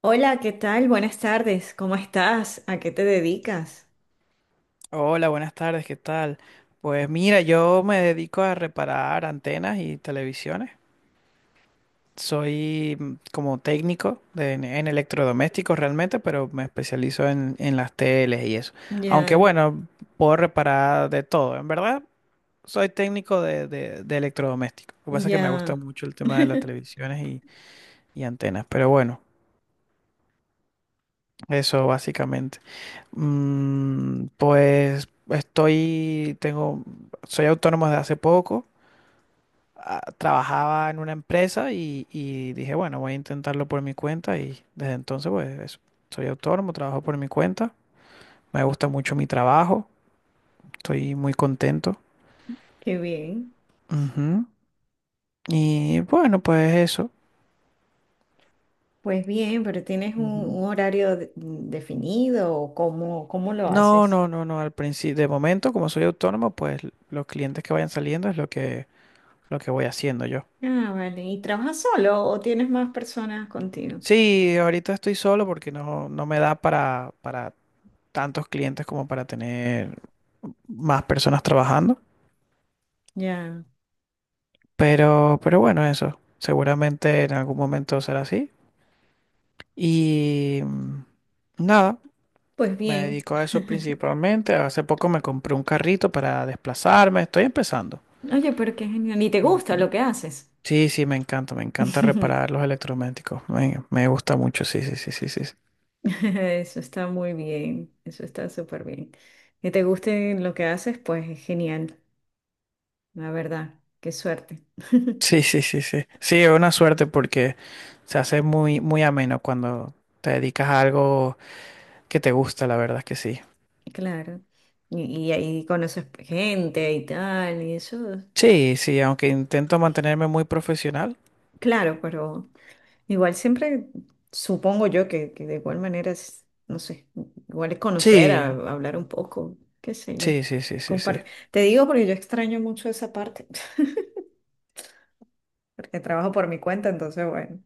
Hola, ¿qué tal? Buenas tardes. ¿Cómo estás? ¿A qué te dedicas? Hola, buenas tardes, ¿qué tal? Pues mira, yo me dedico a reparar antenas y televisiones. Soy como técnico en electrodomésticos realmente, pero me especializo en las teles y eso. Aunque Ya, bueno, puedo reparar de todo. En verdad, soy técnico de electrodomésticos. Lo que pasa es que me gusta ya. mucho el tema de las televisiones y antenas. Pero bueno, eso básicamente. Pues soy autónomo desde hace poco. Ah, trabajaba en una empresa y dije, bueno, voy a intentarlo por mi cuenta y desde entonces pues eso, soy autónomo, trabajo por mi cuenta, me gusta mucho mi trabajo, estoy muy contento. Qué bien. Ujú. Y bueno, pues eso. Pues bien, pero ¿tienes un, Ujú. un horario definido o cómo lo No, haces? no, no, no, al principio, de momento como soy autónomo, pues los clientes que vayan saliendo es lo que voy haciendo yo. Ah, vale. ¿Y trabajas solo o tienes más personas contigo? Sí, ahorita estoy solo porque no, no me da para tantos clientes como para tener más personas trabajando. Ya. Pero bueno, eso. Seguramente en algún momento será así. Y nada, Pues me bien. dedico a eso principalmente. Hace poco me compré un carrito para desplazarme. Estoy empezando. Oye, pero qué genial. ¿Y te gusta lo Ujú. que haces? Sí, sí, me encanta reparar los electrodomésticos. Me gusta mucho, sí, sí, sí, sí, sí. Eso está muy bien. Eso está súper bien. Que te guste lo que haces, pues es genial. La verdad. Qué suerte. Sí, sí, sí, sí. Sí, sí, es una suerte porque se hace muy, muy ameno cuando te dedicas a algo que te gusta, la verdad es que sí. Claro. Y ahí conoces gente y tal, y eso, Sí, sí, aunque intento mantenerme muy profesional. claro, pero igual siempre supongo yo que de igual manera es, no sé, igual es conocer, Sí, hablar un poco, qué sé yo. sí, sí, sí, sí, sí. Compar- Te digo porque yo extraño mucho esa parte, porque trabajo por mi cuenta, entonces bueno,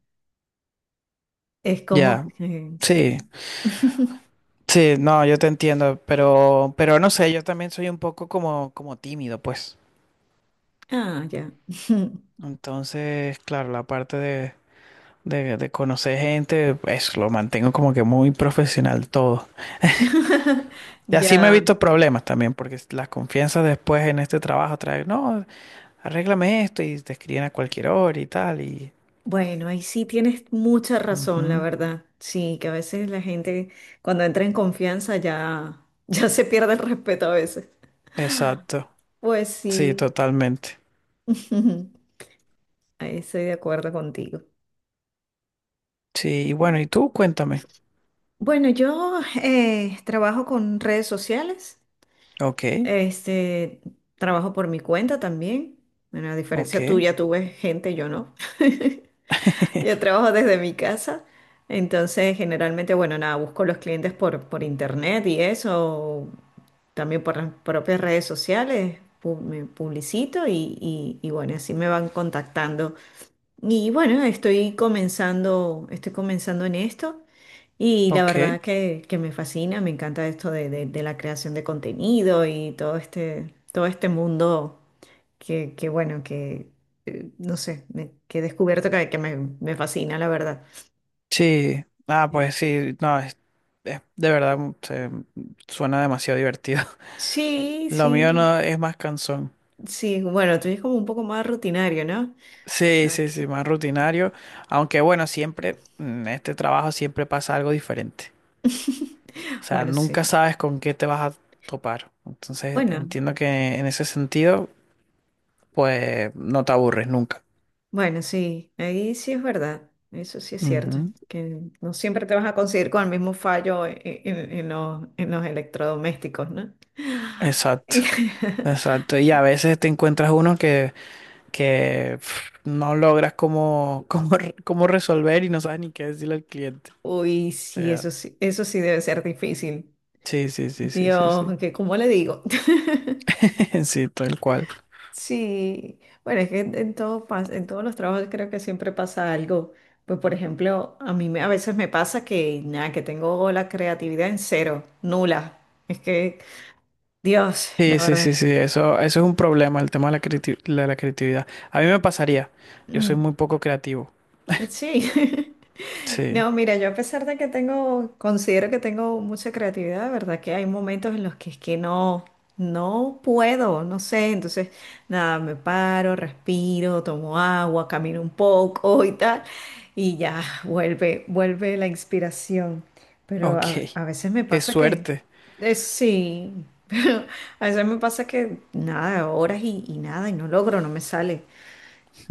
es como Ya, que sí, sí. sí, no, yo te entiendo, pero no sé, yo también soy un poco como tímido, pues. Ah, ya. Entonces, claro, la parte de conocer gente, eso lo mantengo como que muy profesional todo. Y así me he Ya. visto problemas también, porque las confianzas después en este trabajo traen, no, arréglame esto y te escriben a cualquier hora y tal, y... Bueno, ahí sí tienes mucha razón, la Ujú, verdad. Sí, que a veces la gente cuando entra en confianza ya, ya se pierde el respeto a veces. exacto, Pues sí, sí, totalmente. ahí estoy de acuerdo contigo. Sí, y bueno, ¿y tú? Cuéntame. Bueno, yo trabajo con redes sociales, Ok, este, trabajo por mi cuenta también. Bueno, a ok. diferencia tuya, tuve gente, yo no. Yo trabajo desde mi casa, entonces generalmente, bueno, nada, busco los clientes por internet y eso, también por las propias redes sociales me publicito y bueno, así me van contactando. Y bueno, estoy comenzando en esto y la Ok, verdad que me fascina, me encanta esto de la creación de contenido y todo este mundo que bueno, que no sé, que he descubierto que me fascina, la verdad. sí. Ah, pues sí, no, de verdad suena demasiado divertido. Sí, Lo sí, mío no es más cansón. sí, bueno, tú eres como un poco más rutinario, ¿no? Sí, sí, sí, Aquí. más rutinario. Aunque bueno, siempre en este trabajo siempre pasa algo diferente. O sea, Bueno, sí. nunca sabes con qué te vas a topar. Entonces Bueno, entiendo que en ese sentido, pues no te aburres nunca. bueno, sí. Ahí sí es verdad. Eso sí es cierto. Ujú, Que no siempre te vas a conseguir con el mismo fallo en, en en los electrodomésticos, ¿no? exacto, exacto. Y a veces te encuentras uno que pf, no logras cómo, cómo resolver y no sabes ni qué decirle al cliente. Uy, O sí, sea, eso sí, eso sí debe ser difícil. sí, sí, sí, sí, sí, sí. Dios, que ¿cómo le digo? Sí, tal cual. Sí, bueno, es que en, en todos los trabajos creo que siempre pasa algo. Pues por ejemplo, a veces me pasa que nada, que tengo la creatividad en cero, nula. Es que, Dios, la Sí, sí, verdad. sí, sí. Eso es un problema, el tema de la creatividad. A mí me pasaría. Yo soy Mm, muy poco creativo. Sí. Sí. No, mira, yo a pesar de que tengo, considero que tengo mucha creatividad, verdad que hay momentos en los que es que no, no puedo, no sé, entonces nada, me paro, respiro, tomo agua, camino un poco y tal, y ya vuelve, vuelve la inspiración. Pero Ok. a veces me Qué pasa que, suerte. Sí, pero a veces me pasa que nada, horas y nada, y no logro, no me sale.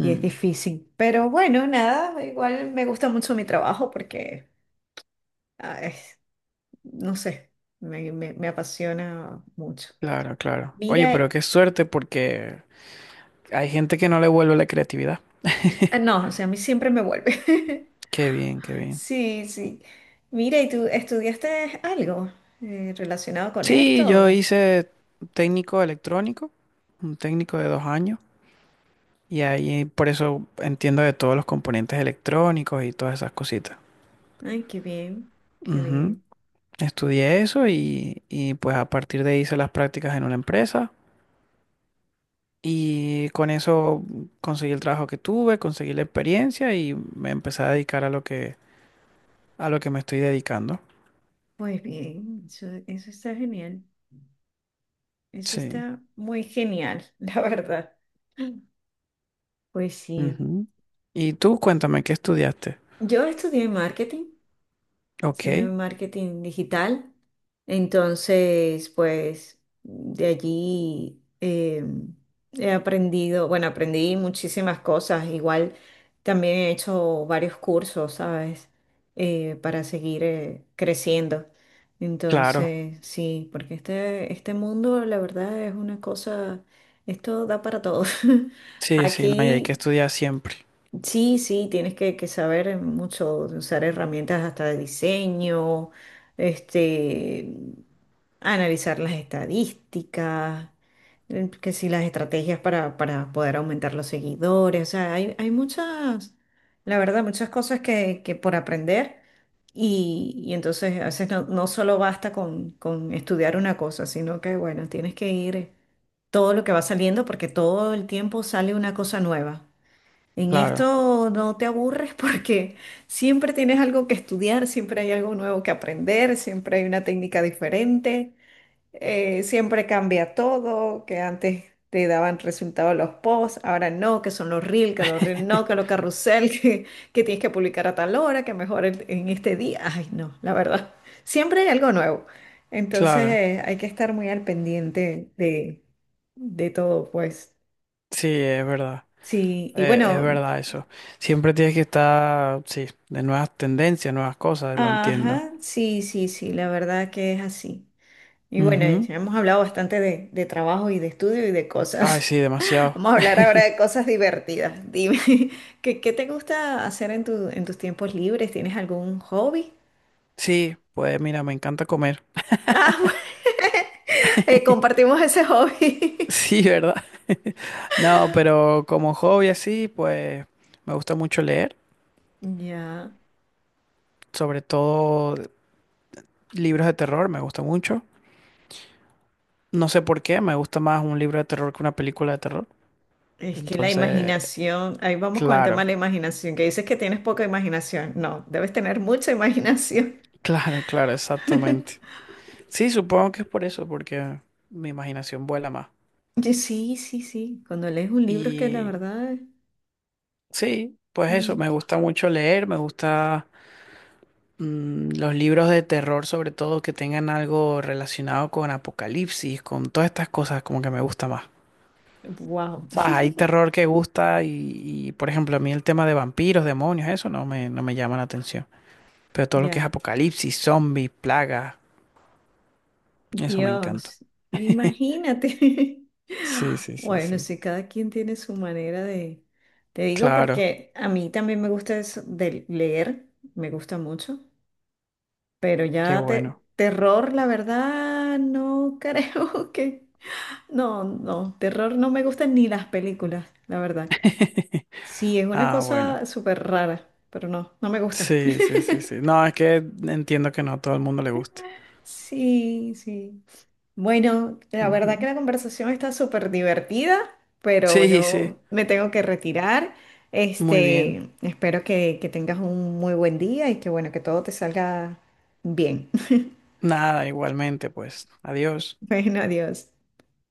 Y es difícil. Pero bueno, nada, igual me gusta mucho mi trabajo porque Ah, es- no sé, me apasiona mucho. Claro, claro. Oye, pero Mira, qué suerte porque hay gente que no le vuelve la creatividad. ah, no, o sea, a mí siempre me vuelve. Qué bien, qué bien. Sí, sí. Mira, ¿y tú estudiaste algo relacionado con Sí, yo esto? hice técnico electrónico, un técnico de 2 años. Y ahí por eso entiendo de todos los componentes electrónicos y todas esas cositas. Ay, qué bien, qué Ujú. bien. Estudié eso y pues a partir de ahí hice las prácticas en una empresa y con eso conseguí el trabajo que tuve, conseguí la experiencia y me empecé a dedicar a lo que me estoy dedicando. Pues bien, eso está genial. Eso Sí. está muy genial, la verdad. Pues sí. Ujú. Y tú cuéntame, ¿qué estudiaste? Yo estudié marketing. Hice Ok, marketing digital. Entonces, pues de allí he aprendido, bueno, aprendí muchísimas cosas. Igual también he hecho varios cursos, ¿sabes? Para seguir creciendo. claro. Entonces, sí, porque este mundo, la verdad, es una cosa, esto da para todos. Sí, sí, no, y hay que Aquí estudiar siempre. sí, sí, tienes que saber mucho, usar herramientas hasta de diseño, este, analizar las estadísticas, que si las estrategias para poder aumentar los seguidores, o sea, hay muchas, la verdad, muchas cosas que por aprender y entonces a veces no, no solo basta con estudiar una cosa, sino que, bueno, tienes que ir todo lo que va saliendo porque todo el tiempo sale una cosa nueva. En Claro, esto no te aburres porque siempre tienes algo que estudiar, siempre hay algo nuevo que aprender, siempre hay una técnica diferente, siempre cambia todo, que antes te daban resultados los posts, ahora no, que son los reels, que los reels no, que los carrusel, que tienes que publicar a tal hora, que mejor en este día. Ay, no, la verdad, siempre hay algo nuevo. Entonces, claro. Hay que estar muy al pendiente de todo, pues. Sí, es verdad. Sí, y Es bueno. verdad eso. Siempre tienes que estar, sí, de nuevas tendencias, nuevas cosas, lo entiendo. Ajá, sí, sí, sí, la verdad que es así. Y bueno, Ujú. ya hemos hablado bastante de trabajo y de estudio y de Ay, cosas. sí, demasiado. Vamos a hablar ahora de cosas divertidas. Dime, ¿qué, qué te gusta hacer en tu, en tus tiempos libres? ¿Tienes algún hobby? Sí, pues mira, me encanta comer. Ah, bueno, compartimos ese hobby. Sí, ¿verdad? No, pero como hobby así, pues me gusta mucho leer, Ya, sobre todo libros de terror, me gusta mucho. No sé por qué, me gusta más un libro de terror que una película de terror. es que la Entonces, imaginación, ahí vamos con el tema de claro, la imaginación, que dices que tienes poca imaginación. No, debes tener mucha imaginación. claro, claro, exactamente. Sí, supongo que es por eso, porque mi imaginación vuela más. Y sí, sí, sí. Cuando lees un libro es que la Y verdad... sí, pues eso, me mm, gusta mucho leer, me gusta los libros de terror, sobre todo que tengan algo relacionado con apocalipsis, con todas estas cosas, como que me gusta más. Wow, O sea, hay terror que gusta y, por ejemplo, a mí el tema de vampiros, demonios, eso no me llama la atención. Pero todo lo que es ya, apocalipsis, zombies, plagas, eso me encanta. Dios, imagínate. Sí, sí, sí, Bueno, sí. sí, cada quien tiene su manera de... Te digo Claro, porque a mí también me gusta eso de leer, me gusta mucho, pero qué ya bueno. terror, la verdad, no creo que... No, no, terror no me gustan ni las películas, la verdad. Sí, es una Ah, bueno. cosa súper rara, pero no, no me gusta. Sí, sí, sí, sí. No, es que entiendo que no a todo el mundo le guste. Sí, sí. Bueno, la verdad que Ujú. la conversación está súper divertida, pero Sí, sí, yo me tengo que retirar. muy bien. Este, espero que tengas un muy buen día y que bueno, que todo te salga bien. Nada, igualmente, pues, adiós. Bueno, adiós.